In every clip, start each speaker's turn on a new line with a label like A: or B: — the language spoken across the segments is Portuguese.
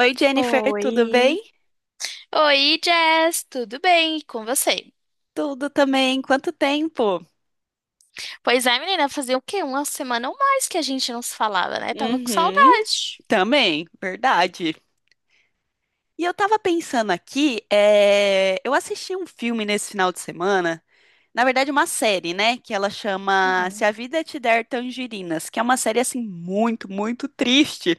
A: Oi, Jennifer, tudo bem?
B: Oi. Oi, Jess, tudo bem? E com você?
A: Tudo também. Quanto tempo?
B: Pois é, menina, fazia o quê? Uma semana ou mais que a gente não se falava, né? Tava com
A: Uhum,
B: saudade.
A: também, verdade. E eu tava pensando aqui, eu assisti um filme nesse final de semana, na verdade, uma série, né? Que ela chama Se
B: Uhum.
A: a Vida Te Der Tangerinas, que é uma série, assim, muito triste.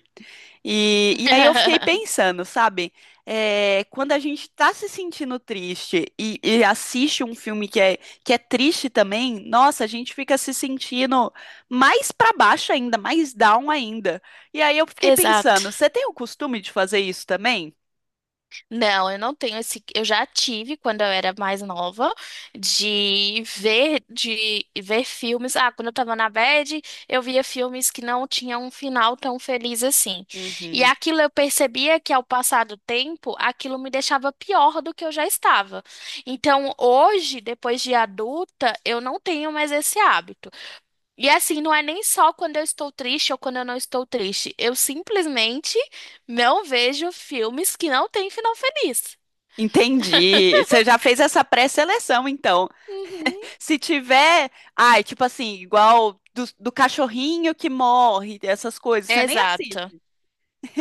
A: E aí eu fiquei pensando, sabe? É, quando a gente tá se sentindo triste e assiste um filme que é triste também, nossa, a gente fica se sentindo mais pra baixo ainda, mais down ainda. E aí eu fiquei
B: Exato.
A: pensando, você tem o costume de fazer isso também?
B: Não, eu não tenho esse. Eu já tive quando eu era mais nova de ver filmes. Ah, quando eu tava na bad, eu via filmes que não tinham um final tão feliz assim. E
A: Uhum.
B: aquilo eu percebia que ao passar do tempo, aquilo me deixava pior do que eu já estava. Então, hoje, depois de adulta, eu não tenho mais esse hábito. E assim, não é nem só quando eu estou triste ou quando eu não estou triste. Eu simplesmente não vejo filmes que não têm final feliz.
A: Entendi. Você já fez essa pré-seleção, então.
B: Uhum.
A: Se tiver, ai, tipo assim, igual do cachorrinho que morre, essas coisas, você nem
B: Exato.
A: assiste.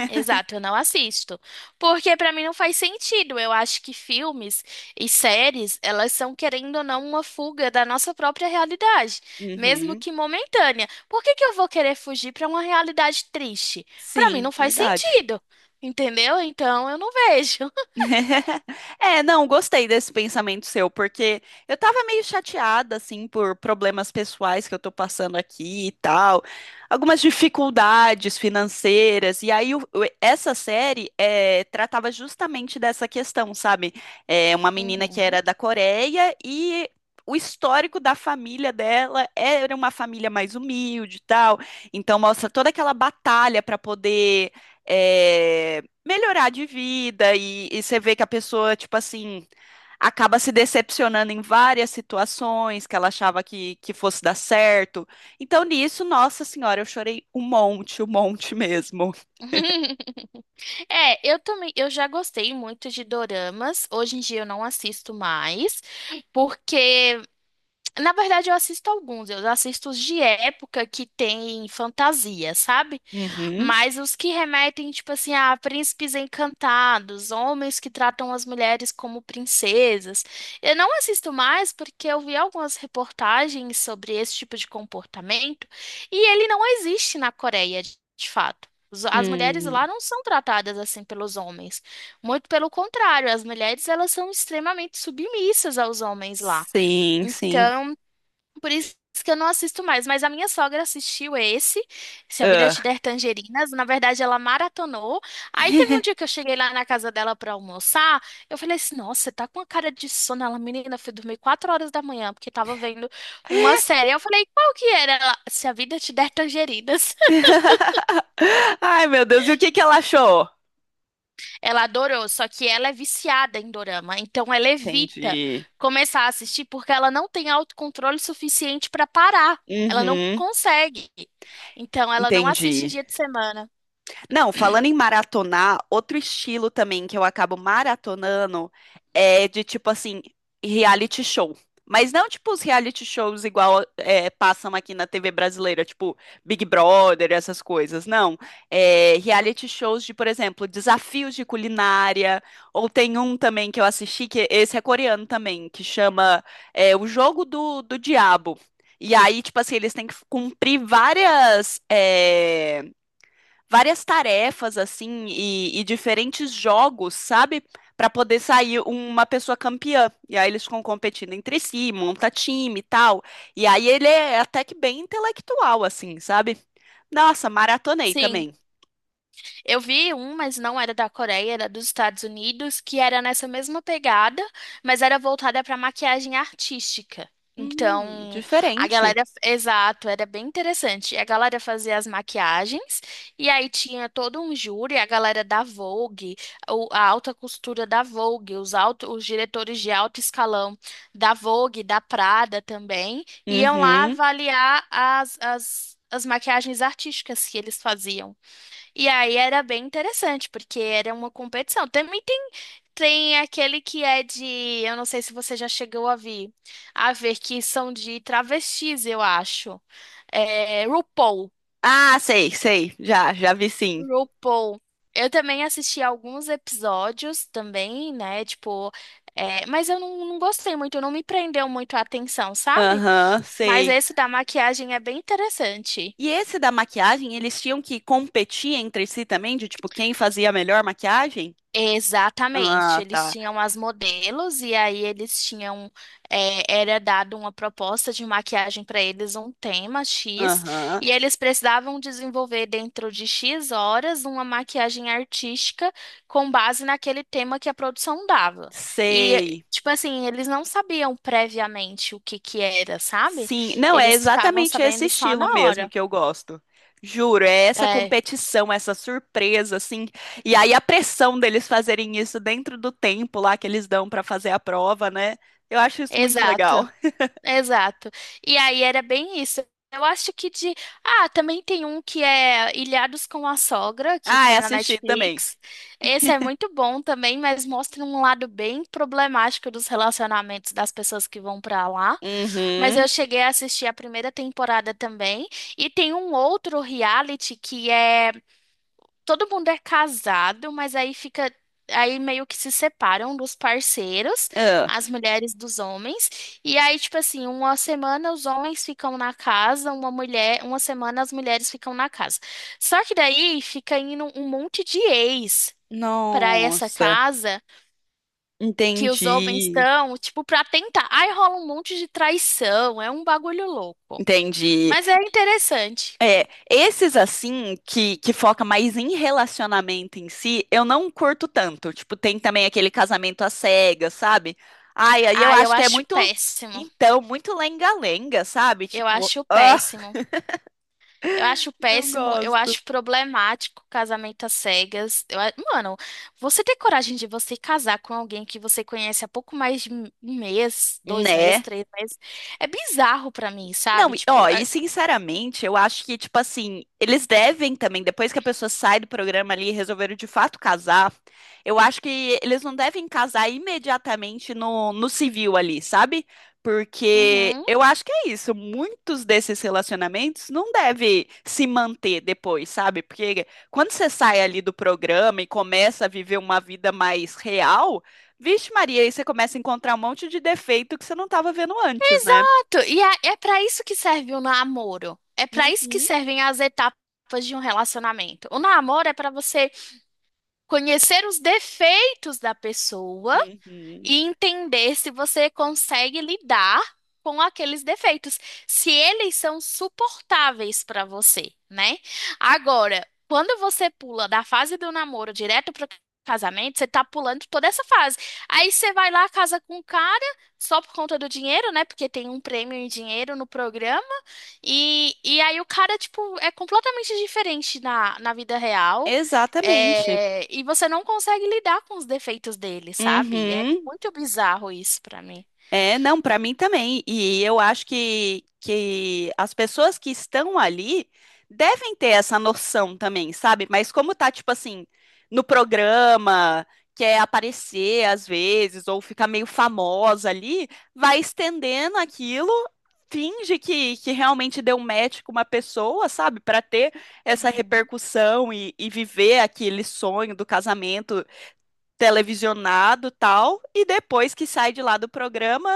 B: Exato, eu não assisto. Porque pra mim não faz sentido. Eu acho que filmes e séries, elas são querendo ou não uma fuga da nossa própria realidade, mesmo
A: Uhum.
B: que momentânea. Por que que eu vou querer fugir pra uma realidade triste? Pra mim
A: Sim,
B: não faz
A: verdade.
B: sentido. Entendeu? Então eu não vejo.
A: É, não, gostei desse pensamento seu, porque eu tava meio chateada, assim, por problemas pessoais que eu tô passando aqui e tal, algumas dificuldades financeiras, e aí essa série tratava justamente dessa questão, sabe? É, uma menina que
B: Uhum.
A: era da Coreia e. O histórico da família dela era uma família mais humilde e tal, então mostra toda aquela batalha para poder eh, melhorar de vida e você vê que a pessoa, tipo assim, acaba se decepcionando em várias situações que ela achava que fosse dar certo. Então, nisso, nossa senhora, eu chorei um monte mesmo.
B: É, eu também, eu já gostei muito de doramas. Hoje em dia eu não assisto mais, porque na verdade eu assisto alguns, eu assisto os de época que tem fantasia, sabe?
A: Uhum.
B: Mas os que remetem, tipo assim, a príncipes encantados, homens que tratam as mulheres como princesas. Eu não assisto mais porque eu vi algumas reportagens sobre esse tipo de comportamento e ele não existe na Coreia, de fato. As mulheres
A: Hum,
B: lá não são tratadas assim pelos homens. Muito pelo contrário, as mulheres elas são extremamente submissas aos homens lá.
A: sim, sim.
B: Então, por isso que eu não assisto mais, mas a minha sogra assistiu esse, Se a Vida Te
A: Ah.
B: Der Tangerinas. Na verdade, ela maratonou. Aí teve um dia que eu cheguei lá na casa dela para almoçar, eu falei assim: "Nossa, você tá com uma cara de sono". Ela, menina, foi dormir 4 horas da manhã porque tava vendo uma série. Eu falei: "Qual que era?" Ela, Se a Vida Te Der Tangerinas.
A: Ai, meu Deus, e o que que ela achou?
B: Ela adorou, só que ela é viciada em dorama, então ela evita
A: Entendi.
B: começar a assistir porque ela não tem autocontrole suficiente para parar. Ela não
A: Uhum,
B: consegue. Então ela não assiste em
A: entendi.
B: dia de semana.
A: Não, falando em maratonar, outro estilo também que eu acabo maratonando é de tipo assim, reality show. Mas não tipo os reality shows igual passam aqui na TV brasileira, tipo Big Brother, essas coisas. Não. É, reality shows de, por exemplo, desafios de culinária. Ou tem um também que eu assisti, que esse é coreano também, que chama O Jogo do Diabo. E aí, tipo assim, eles têm que cumprir várias. Várias tarefas assim e diferentes jogos, sabe? Pra poder sair uma pessoa campeã. E aí eles ficam competindo entre si, monta time e tal. E aí ele é até que bem intelectual, assim, sabe? Nossa, maratonei
B: Sim.
A: também.
B: Eu vi um, mas não era da Coreia, era dos Estados Unidos, que era nessa mesma pegada, mas era voltada para maquiagem artística. Então, a
A: Diferente.
B: galera, exato, era bem interessante. A galera fazia as maquiagens e aí tinha todo um júri, a galera da Vogue, a alta costura da Vogue, os diretores de alto escalão da Vogue, da Prada também, iam lá
A: Uhum.
B: avaliar as maquiagens artísticas que eles faziam. E aí era bem interessante, porque era uma competição. Também tem, tem aquele que é de, eu não sei se você já chegou a ver que são de travestis, eu acho. É, RuPaul.
A: Ah, sei, sei. Já, já vi sim.
B: RuPaul. Eu também assisti alguns episódios também, né? Tipo, mas eu não gostei muito, não me prendeu muito a atenção, sabe?
A: Aham,
B: Mas
A: sei.
B: esse da maquiagem é bem interessante.
A: E esse da maquiagem, eles tinham que competir entre si também, de tipo, quem fazia a melhor maquiagem?
B: Exatamente,
A: Ah,
B: eles
A: tá.
B: tinham as modelos e aí eles tinham, era dado uma proposta de maquiagem para eles, um tema X,
A: Aham.
B: e eles precisavam desenvolver dentro de X horas uma maquiagem artística com base naquele tema que a produção dava. E,
A: Sei.
B: tipo assim, eles não sabiam previamente o que que era, sabe?
A: Sim. Não, é
B: Eles ficavam
A: exatamente esse
B: sabendo só na
A: estilo mesmo
B: hora.
A: que eu gosto. Juro, é essa
B: É,
A: competição, essa surpresa, assim. E aí a pressão deles fazerem isso dentro do tempo lá que eles dão pra fazer a prova, né? Eu acho isso muito
B: exato.
A: legal.
B: Exato. E aí era bem isso. Eu acho que de. Ah, também tem um que é Ilhados com a Sogra, que
A: Ah, é
B: foi na
A: assistir também.
B: Netflix. Esse é muito bom também, mas mostra um lado bem problemático dos relacionamentos das pessoas que vão pra lá. Mas eu
A: Uhum.
B: cheguei a assistir a primeira temporada também. E tem um outro reality que é todo mundo é casado, mas aí fica, aí meio que se separam dos parceiros,
A: Ah,
B: as mulheres dos homens, e aí tipo assim, uma semana os homens ficam na casa, uma mulher, uma semana as mulheres ficam na casa. Só que daí fica indo um monte de ex para essa
A: nossa,
B: casa que os homens
A: entendi.
B: estão, tipo, para tentar. Aí rola um monte de traição, é um bagulho louco.
A: Entendi.
B: Mas é interessante.
A: É, esses assim, que foca mais em relacionamento em si, eu não curto tanto. Tipo, tem também aquele casamento às cegas, sabe? Ai, aí eu
B: Ah, eu
A: acho que é
B: acho
A: muito,
B: péssimo.
A: então, muito lenga-lenga, sabe?
B: Eu
A: Tipo,
B: acho
A: ah,
B: péssimo. Eu acho
A: não
B: péssimo, eu
A: gosto.
B: acho problemático casamento às cegas. Eu, mano, você ter coragem de você casar com alguém que você conhece há pouco mais de um mês, 2 meses,
A: Né?
B: 3 meses, é bizarro pra mim,
A: Não,
B: sabe?
A: e-
B: Tipo,
A: ó,
B: é-
A: e sinceramente, eu acho que, tipo assim, eles devem também, depois que a pessoa sai do programa ali e resolveram de fato casar, eu acho que eles não devem casar imediatamente no civil ali, sabe? Porque
B: Uhum.
A: eu acho que é isso, muitos desses relacionamentos não devem se manter depois, sabe? Porque quando você sai ali do programa e começa a viver uma vida mais real, vixe Maria, aí você começa a encontrar um monte de defeito que você não estava vendo antes, né?
B: Exato. E é para isso que serve o namoro. É para isso que
A: Uhum.
B: servem as etapas de um relacionamento. O namoro é para você conhecer os defeitos da pessoa
A: Uhum.
B: e entender se você consegue lidar com aqueles defeitos, se eles são suportáveis para você, né? Agora, quando você pula da fase do namoro direto para casamento, você tá pulando toda essa fase. Aí você vai lá, casa com o cara, só por conta do dinheiro, né? Porque tem um prêmio em dinheiro no programa. E, aí o cara, tipo, é completamente diferente na, na vida real.
A: Exatamente.
B: É, e você não consegue lidar com os defeitos dele, sabe? É
A: Uhum.
B: muito bizarro isso pra mim.
A: É, não, para mim também. E eu acho que as pessoas que estão ali devem ter essa noção também, sabe? Mas como tá, tipo assim, no programa, quer aparecer às vezes, ou ficar meio famosa ali, vai estendendo aquilo, finge que realmente deu match com uma pessoa, sabe? Para ter essa
B: Uhum.
A: repercussão e viver aquele sonho do casamento televisionado e tal, e depois que sai de lá do programa,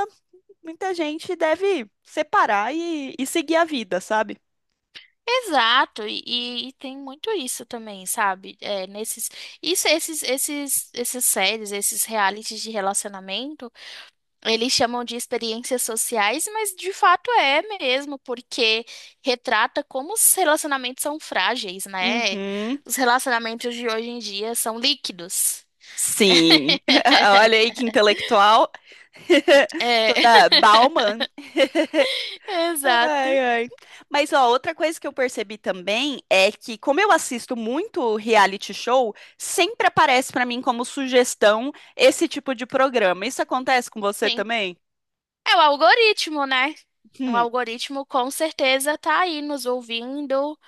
A: muita gente deve separar e seguir a vida, sabe?
B: Exato, e tem muito isso também, sabe? É, nesses, isso, essas séries, esses realities de relacionamento. Eles chamam de experiências sociais, mas de fato é mesmo, porque retrata como os relacionamentos são frágeis, né?
A: Uhum.
B: Os relacionamentos de hoje em dia são líquidos.
A: Sim. Olha aí que intelectual.
B: É,
A: Toda Bauman.
B: exato.
A: Ai, ai. Mas ó, outra coisa que eu percebi também é que, como eu assisto muito reality show, sempre aparece pra mim como sugestão esse tipo de programa. Isso acontece com você
B: Sim.
A: também?
B: É o algoritmo, né? O
A: Hum,
B: algoritmo com certeza tá aí nos ouvindo,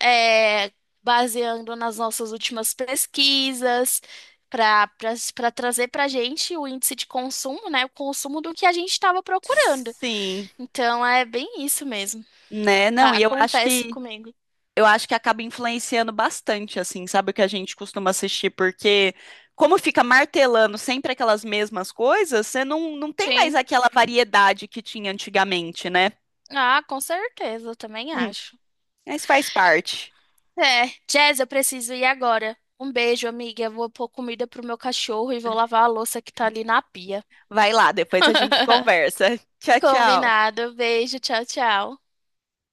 B: é, baseando nas nossas últimas pesquisas, para para trazer para gente o índice de consumo, né? O consumo do que a gente estava procurando.
A: sim.
B: Então é bem isso mesmo.
A: Né? Não, e
B: Acontece comigo.
A: eu acho que acaba influenciando bastante, assim, sabe o que a gente costuma assistir, porque como fica martelando sempre aquelas mesmas coisas, você não tem mais
B: Sim.
A: aquela variedade que tinha antigamente, né?
B: Ah, com certeza, eu também
A: Hum,
B: acho.
A: mas faz parte.
B: É, Jazz, eu preciso ir agora. Um beijo, amiga. Eu vou pôr comida pro meu cachorro e vou lavar a louça que tá ali na pia.
A: Vai lá, depois a gente conversa. Tchau, tchau.
B: Combinado. Beijo, tchau, tchau.